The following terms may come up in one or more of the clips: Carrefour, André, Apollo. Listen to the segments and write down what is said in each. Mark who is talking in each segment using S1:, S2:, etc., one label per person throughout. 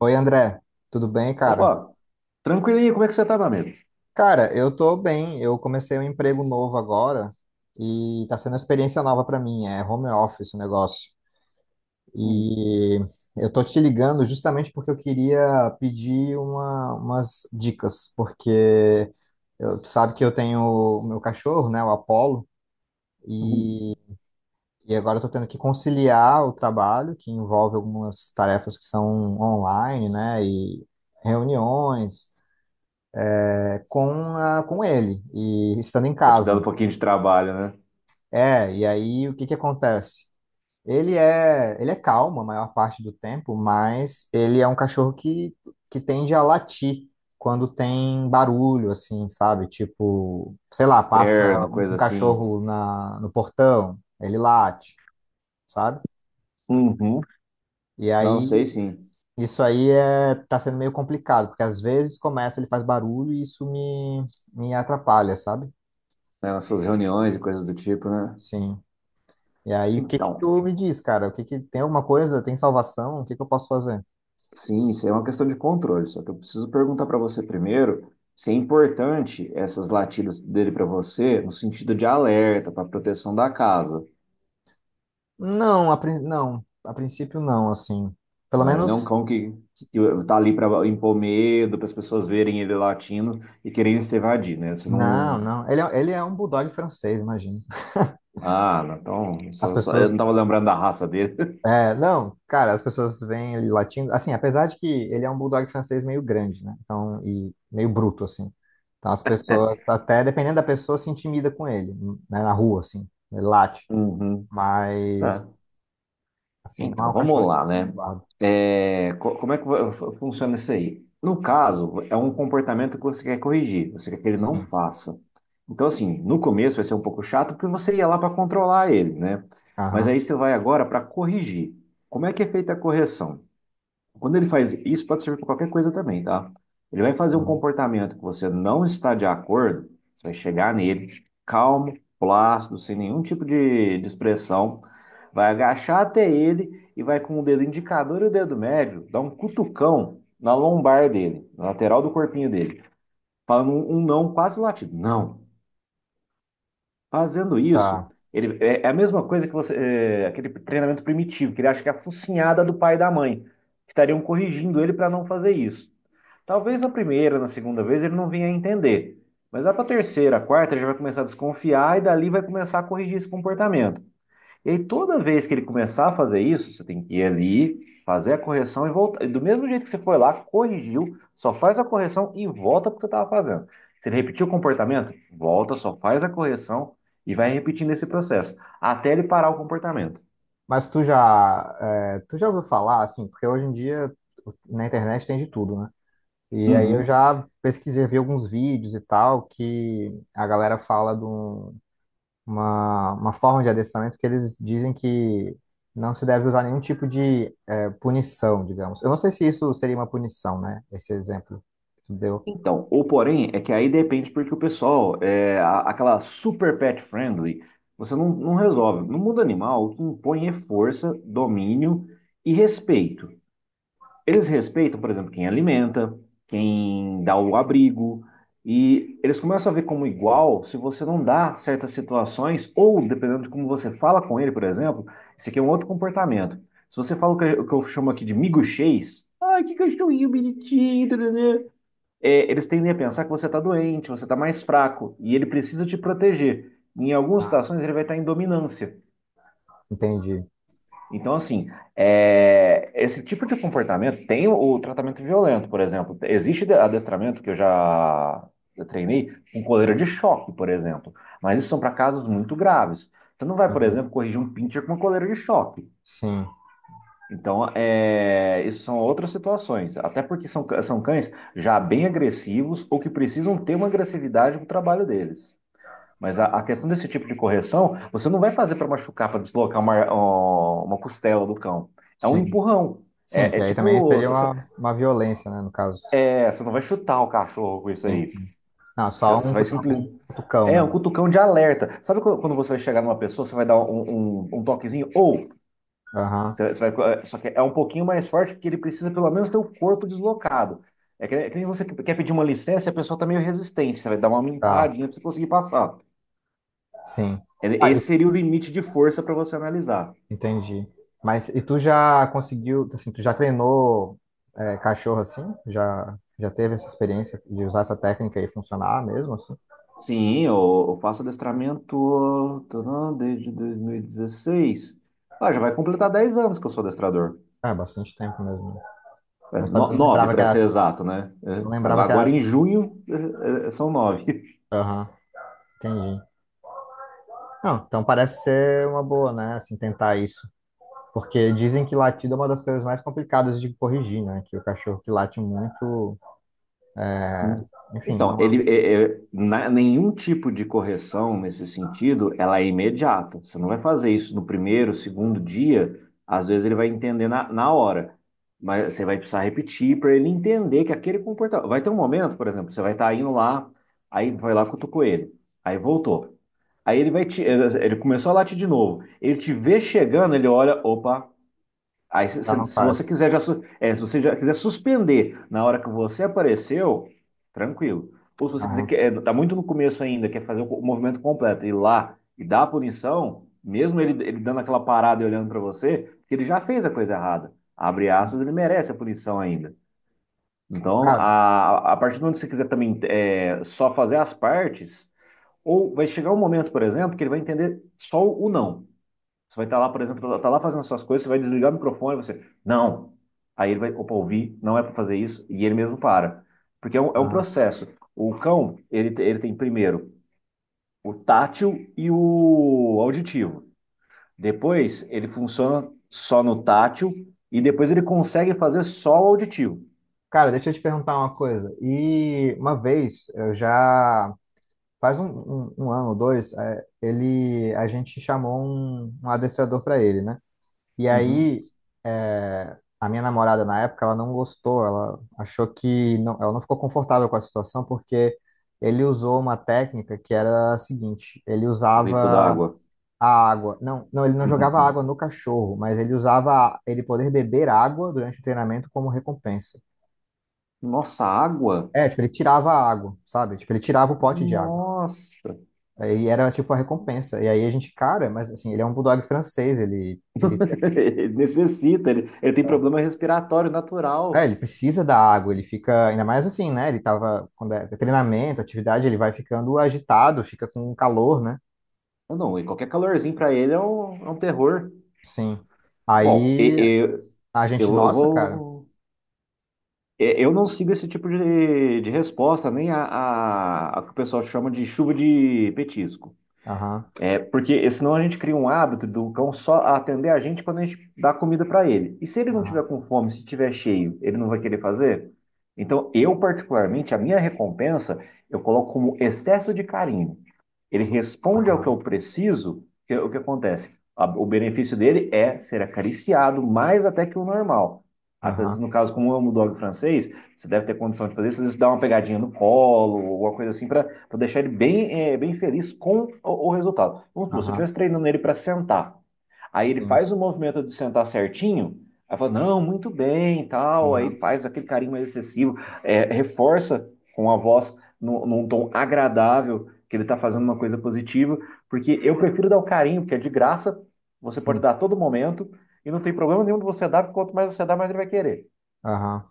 S1: Oi, André, tudo bem,
S2: Opa,
S1: cara?
S2: tranquilinho, como é que você tá, meu amigo?
S1: Cara, eu tô bem. Eu comecei um emprego novo agora e tá sendo uma experiência nova pra mim. É home office o negócio.
S2: Hum,
S1: E eu tô te ligando justamente porque eu queria pedir umas dicas, porque eu, tu sabe que eu tenho o meu cachorro, né, o Apollo,
S2: uhum.
S1: e, e agora eu tô tendo que conciliar o trabalho, que envolve algumas tarefas que são online, né, e reuniões. Com, a, com ele e estando em
S2: Tá te
S1: casa.
S2: dando um pouquinho de trabalho, né?
S1: É, e aí o que que acontece? Ele é calmo a maior parte do tempo, mas ele é um cachorro que tende a latir quando tem barulho, assim, sabe? Tipo, sei lá, passa
S2: Terno, coisa
S1: um
S2: assim.
S1: cachorro no portão, ele late, sabe?
S2: Uhum.
S1: E
S2: Não sei,
S1: aí
S2: sim.
S1: isso aí é, tá sendo meio complicado, porque às vezes começa, ele faz barulho e isso me atrapalha, sabe?
S2: Né, nas suas reuniões e coisas do tipo, né?
S1: Sim. E aí, o que que
S2: Então,
S1: tu me diz, cara? O que que tem alguma coisa? Tem salvação? O que que eu posso fazer?
S2: sim, isso aí é uma questão de controle. Só que eu preciso perguntar para você primeiro se é importante essas latidas dele para você no sentido de alerta, pra proteção da casa.
S1: Não, a, não, a princípio não, assim. Pelo
S2: Não, ele não é um
S1: menos,
S2: cão que tá ali para impor medo, para as pessoas verem ele latindo e quererem se evadir, né? Você
S1: não,
S2: não.
S1: não. Ele é um bulldog francês, imagina.
S2: Ah, não, então,
S1: As
S2: eu não
S1: pessoas,
S2: estava lembrando da raça dele.
S1: é, não, cara, as pessoas veem ele latindo, assim, apesar de que ele é um bulldog francês meio grande, né? Então, e meio bruto, assim. Então, as pessoas, até dependendo da pessoa, se intimida com ele, né? Na rua, assim, ele late.
S2: Uhum.
S1: Mas,
S2: Tá.
S1: assim, não é
S2: Então,
S1: um cachorro
S2: vamos lá,
S1: de
S2: né?
S1: guarda.
S2: É, como é que funciona isso aí? No caso, é um comportamento que você quer corrigir, você quer que ele não
S1: Sim.
S2: faça. Então, assim, no começo vai ser um pouco chato porque você ia lá para controlar ele, né? Mas
S1: Aham.
S2: aí você vai agora para corrigir. Como é que é feita a correção? Quando ele faz isso, pode servir para qualquer coisa também, tá? Ele vai fazer um comportamento que você não está de acordo, você vai chegar nele, calmo, plácido, sem nenhum tipo de expressão, vai agachar até ele e vai com o dedo indicador e o dedo médio dar um cutucão na lombar dele, na lateral do corpinho dele, falando um não quase latido. Não. Fazendo isso, ele é a mesma coisa que você, é, aquele treinamento primitivo, que ele acha que é a focinhada do pai e da mãe, que estariam corrigindo ele para não fazer isso. Talvez na primeira, na segunda vez ele não vinha a entender. Mas lá para a terceira, a quarta, ele já vai começar a desconfiar e dali vai começar a corrigir esse comportamento. E aí, toda vez que ele começar a fazer isso, você tem que ir ali, fazer a correção e voltar. E do mesmo jeito que você foi lá, corrigiu, só faz a correção e volta para o que você estava fazendo. Se ele repetiu o comportamento, volta, só faz a correção e vai repetindo esse processo, até ele parar o comportamento.
S1: Mas tu já, é, tu já ouviu falar, assim, porque hoje em dia na internet tem de tudo, né? E aí eu
S2: Uhum.
S1: já pesquisei, vi alguns vídeos e tal, que a galera fala de uma forma de adestramento que eles dizem que não se deve usar nenhum tipo de é, punição, digamos. Eu não sei se isso seria uma punição, né? Esse exemplo que tu deu.
S2: Então, o porém é que aí depende porque o pessoal, é, aquela super pet friendly, você não resolve. No mundo animal, o que impõe é força, domínio e respeito. Eles respeitam, por exemplo, quem alimenta, quem dá o abrigo, e eles começam a ver como igual se você não dá certas situações, ou dependendo de como você fala com ele, por exemplo, esse aqui é um outro comportamento. Se você fala o que eu chamo aqui de miguxês, ai, que cachorrinho bonitinho, né? É, eles tendem a pensar que você está doente, você está mais fraco, e ele precisa te proteger. Em algumas
S1: Ah,
S2: situações, ele vai estar em dominância.
S1: entendi.
S2: Então, assim, é, esse tipo de comportamento tem o tratamento violento, por exemplo. Existe adestramento que eu treinei com coleira de choque, por exemplo, mas isso são para casos muito graves. Você não vai, por
S1: Aham.
S2: exemplo, corrigir um pincher com uma coleira de choque.
S1: Sim,
S2: Então, é, isso são outras situações, até porque são, são cães já bem agressivos ou que precisam ter uma agressividade no trabalho deles. Mas a questão desse tipo de correção, você não vai fazer para machucar, para deslocar uma, ó, uma costela do cão. É um
S1: sim.
S2: empurrão.
S1: Sim,
S2: É,
S1: porque
S2: é
S1: aí também
S2: tipo,
S1: seria
S2: você
S1: uma violência, né, no caso.
S2: é, você não vai chutar o cachorro com isso
S1: Sim,
S2: aí.
S1: sim. Não,
S2: Você,
S1: só
S2: você
S1: um
S2: vai
S1: um
S2: simplesmente.
S1: cutucão,
S2: É
S1: né?
S2: um cutucão de alerta. Sabe quando você vai chegar numa pessoa, você vai dar um toquezinho? Ou
S1: Aham,
S2: você vai, é, só que é um pouquinho mais forte porque ele precisa pelo menos ter o corpo deslocado. É que nem você quer pedir uma licença e a pessoa está meio resistente. Você vai dar uma
S1: tá,
S2: empurradinha para você conseguir passar.
S1: sim. Ah, e-
S2: Esse seria o limite de força para você analisar.
S1: entendi. Mas e tu já conseguiu, assim, tu já treinou é, cachorro assim? Já, já teve essa experiência de usar essa técnica e funcionar mesmo, assim?
S2: Sim, eu faço adestramento tô não, desde 2016. Ah, já vai completar 10 anos que eu sou adestrador.
S1: É, bastante tempo mesmo. Né?
S2: É,
S1: Não sabia,
S2: no,
S1: não
S2: 9
S1: lembrava que
S2: para
S1: era,
S2: ser exato, né? É,
S1: não lembrava
S2: agora
S1: que
S2: agora
S1: era.
S2: em junho é, são nove.
S1: Aham, entendi. Não, então parece ser uma boa, né? Assim, tentar isso. Porque dizem que latido é uma das coisas mais complicadas de corrigir, né? Que o cachorro que late muito,
S2: Hum.
S1: enfim,
S2: Então,
S1: não é.
S2: ele, nenhum tipo de correção nesse sentido, ela é imediata. Você não vai fazer isso no primeiro, segundo dia. Às vezes ele vai entender na hora, mas você vai precisar repetir para ele entender que aquele comportamento. Vai ter um momento, por exemplo, você vai estar indo lá, aí vai lá cutucou ele, aí voltou. Aí ele começou a latir de novo. Ele te vê chegando, ele olha, opa. Aí, se,
S1: Já
S2: se-
S1: não
S2: se você
S1: faz.
S2: quiser já, se você já quiser suspender na hora que você apareceu, tranquilo. Ou se você quiser,
S1: Aham.
S2: tá muito no começo ainda, quer fazer o movimento completo, ir lá e dar a punição, mesmo ele dando aquela parada e olhando para você, porque ele já fez a coisa errada. Abre aspas, ele merece a punição ainda. Então,
S1: Cara,
S2: a partir do momento que você quiser também é, só fazer as partes, ou vai chegar um momento, por exemplo, que ele vai entender só o não. Você vai estar lá, por exemplo, tá lá fazendo suas coisas, você vai desligar o microfone, você, não. Aí ele vai, opa, ouvi, não é para fazer isso, e ele mesmo para. Porque é um
S1: aham.
S2: processo. O cão, ele, ele tem primeiro o tátil e o auditivo. Depois, ele funciona só no tátil, e depois ele consegue fazer só o auditivo.
S1: Cara, deixa eu te perguntar uma coisa. E uma vez, eu já faz um ano ou dois, é, ele, a gente chamou um adestrador para ele, né? E
S2: Uhum.
S1: aí, é, a minha namorada na época, ela não gostou, ela achou que não, ela não ficou confortável com a situação porque ele usou uma técnica que era a seguinte: ele
S2: O rifle da
S1: usava
S2: água.
S1: a água. Não, não, ele não jogava
S2: Uhum.
S1: água no cachorro, mas ele usava ele poder beber água durante o treinamento como recompensa.
S2: Nossa, água?
S1: É, tipo, ele tirava a água, sabe? Tipo, ele tirava o pote de água.
S2: Nossa!
S1: Aí era tipo a recompensa. E aí a gente, cara, mas assim, ele é um bulldog francês, ele sente-
S2: Ele necessita, ele tem problema respiratório
S1: é,
S2: natural.
S1: ele precisa da água, ele fica ainda mais assim, né? Ele tava quando é treinamento, atividade, ele vai ficando agitado, fica com calor, né?
S2: Não, e qualquer calorzinho pra ele é um terror.
S1: Sim.
S2: Bom,
S1: Aí
S2: e-
S1: a gente,
S2: eu
S1: nossa, cara.
S2: vou. Eu não sigo esse tipo de resposta, nem a que o pessoal chama de chuva de petisco.
S1: Aham.
S2: É porque senão a gente cria um hábito do cão só atender a gente quando a gente dá comida pra ele. E se ele não
S1: Aham.
S2: tiver com fome, se tiver cheio, ele não vai querer fazer? Então, eu, particularmente, a minha recompensa, eu coloco como excesso de carinho. Ele responde ao que eu preciso, é o que acontece? O benefício dele é ser acariciado mais até que o normal. Às vezes,
S1: Aham.
S2: no caso, como eu amo o dog francês, você deve ter condição de fazer isso, às vezes dá uma pegadinha no colo, alguma coisa assim, para deixar ele bem, bem feliz com o resultado. Vamos supor, se eu
S1: Aham.
S2: estivesse treinando ele para sentar, aí ele
S1: Sim.
S2: faz o movimento de sentar certinho, aí fala, não, muito bem, tal, aí
S1: Aham.
S2: faz aquele carinho mais excessivo, reforça com a voz num tom agradável que ele está fazendo uma coisa positiva, porque eu prefiro dar o carinho, porque é de graça, você pode
S1: Sim,
S2: dar a todo momento, e não tem problema nenhum de você dar, porque quanto mais você dá, mais ele vai querer.
S1: aham.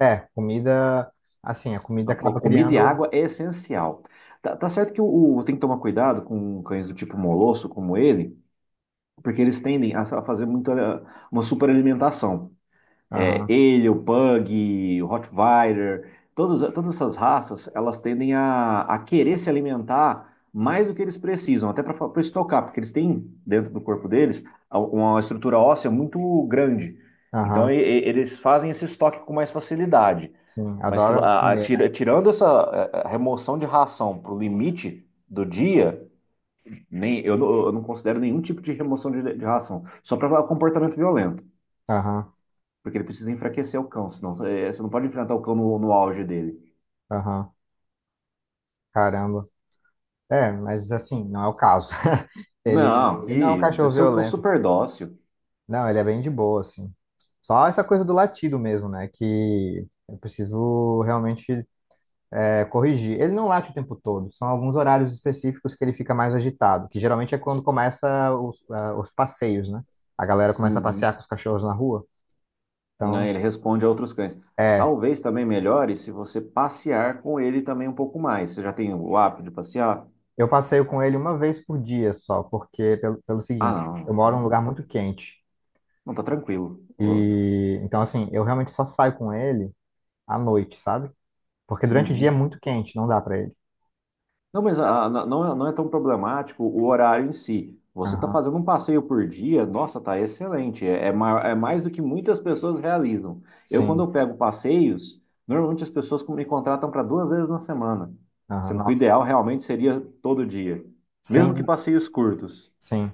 S1: É, comida, assim, a comida
S2: Então,
S1: acaba
S2: comida e
S1: criando.
S2: água é essencial. Tá, tá certo que tem que tomar cuidado com cães do tipo molosso, como ele, porque eles tendem a, fazer uma superalimentação. É,
S1: Aham,
S2: ele, o Pug, o Rottweiler, todas essas raças, elas tendem a querer se alimentar mais do que eles precisam, até para estocar, porque eles têm dentro do corpo deles uma estrutura óssea muito grande. Então,
S1: aham.
S2: eles fazem esse estoque com mais facilidade.
S1: Sim,
S2: Mas
S1: adora comer, né?
S2: tirando essa a remoção de ração para o limite do dia, nem, eu não considero nenhum tipo de remoção de ração, só para comportamento violento.
S1: Aham,
S2: Porque ele precisa enfraquecer o cão, senão você não pode enfrentar o cão no auge dele.
S1: aham. Caramba. É, mas assim, não é o caso. Ele,
S2: Não,
S1: ele não é um
S2: que deve
S1: cachorro
S2: ser um cão
S1: violento.
S2: super dócil.
S1: Não, ele é bem de boa, assim. Só essa coisa do latido mesmo, né? Que eu preciso realmente é, corrigir. Ele não late o tempo todo, são alguns horários específicos que ele fica mais agitado, que geralmente é quando começa os, ah, os passeios, né? A galera começa a
S2: Uhum.
S1: passear com os cachorros na rua.
S2: Né?
S1: Então,
S2: Ele responde a outros cães.
S1: é,
S2: Talvez também melhore se você passear com ele também um pouco mais. Você já tem o hábito de passear?
S1: eu passeio com ele uma vez por dia só, porque pelo
S2: Ah,
S1: seguinte,
S2: não,
S1: eu moro num
S2: então
S1: lugar
S2: tá,
S1: muito quente.
S2: não tá tranquilo.
S1: E então assim, eu realmente só saio com ele à noite, sabe? Porque durante o dia é
S2: Uhum.
S1: muito quente, não dá pra ele.
S2: Não, mas ah, não, não é tão problemático o horário em si. Você está
S1: Aham.
S2: fazendo um passeio por dia, nossa, tá excelente. É mais do que muitas pessoas realizam. Eu, quando
S1: Sim.
S2: eu pego passeios, normalmente as pessoas me contratam para duas vezes na semana,
S1: Aham.
S2: sendo que o
S1: Nossa.
S2: ideal realmente seria todo dia, mesmo que
S1: Sim,
S2: passeios curtos.
S1: sim.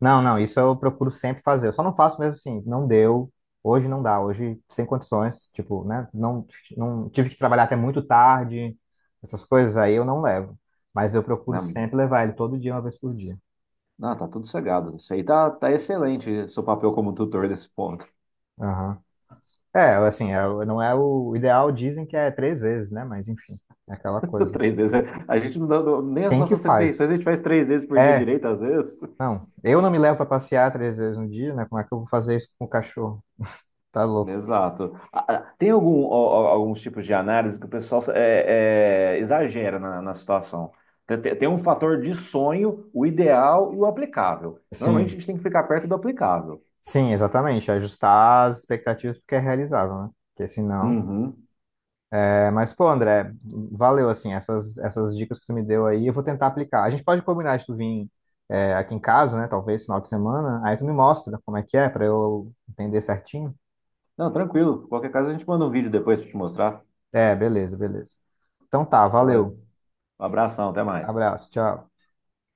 S1: Não, não, isso eu procuro sempre fazer. Eu só não faço mesmo assim, não deu. Hoje não dá, hoje sem condições, tipo, né? Não, não tive que trabalhar até muito tarde, essas coisas aí eu não levo. Mas eu procuro
S2: Né?
S1: sempre levar ele todo dia, uma vez por dia.
S2: Ah, tá tudo cegado. Isso aí tá, tá excelente, seu papel como tutor nesse ponto.
S1: Aham. É, assim, é o- não é o ideal, dizem que é três vezes, né? Mas enfim, é aquela coisa.
S2: Três vezes. A gente não dá, nem as
S1: Quem que
S2: nossas
S1: faz?
S2: refeições a gente faz três vezes por dia
S1: É,
S2: direito, às vezes.
S1: não. Eu não me levo para passear três vezes no dia, né? Como é que eu vou fazer isso com o cachorro? Tá louco.
S2: Exato. Ah, ah, tem alguns tipos de análise que o pessoal é, exagera na situação. Tem um fator de sonho, o ideal e o aplicável. Normalmente a
S1: Sim,
S2: gente tem que ficar perto do aplicável.
S1: sim, exatamente. Ajustar as expectativas porque é realizável, né? Porque senão.
S2: Uhum.
S1: É, mas, pô, André, valeu, assim, essas dicas que tu me deu aí, eu vou tentar aplicar. A gente pode combinar de tu vir é, aqui em casa, né? Talvez final de semana, aí tu me mostra como é que é, para eu entender certinho.
S2: Não, tranquilo. Qualquer caso a gente manda um vídeo depois para te mostrar.
S1: É, beleza, beleza. Então tá,
S2: Valeu.
S1: valeu.
S2: Um abração, até mais.
S1: Abraço, tchau.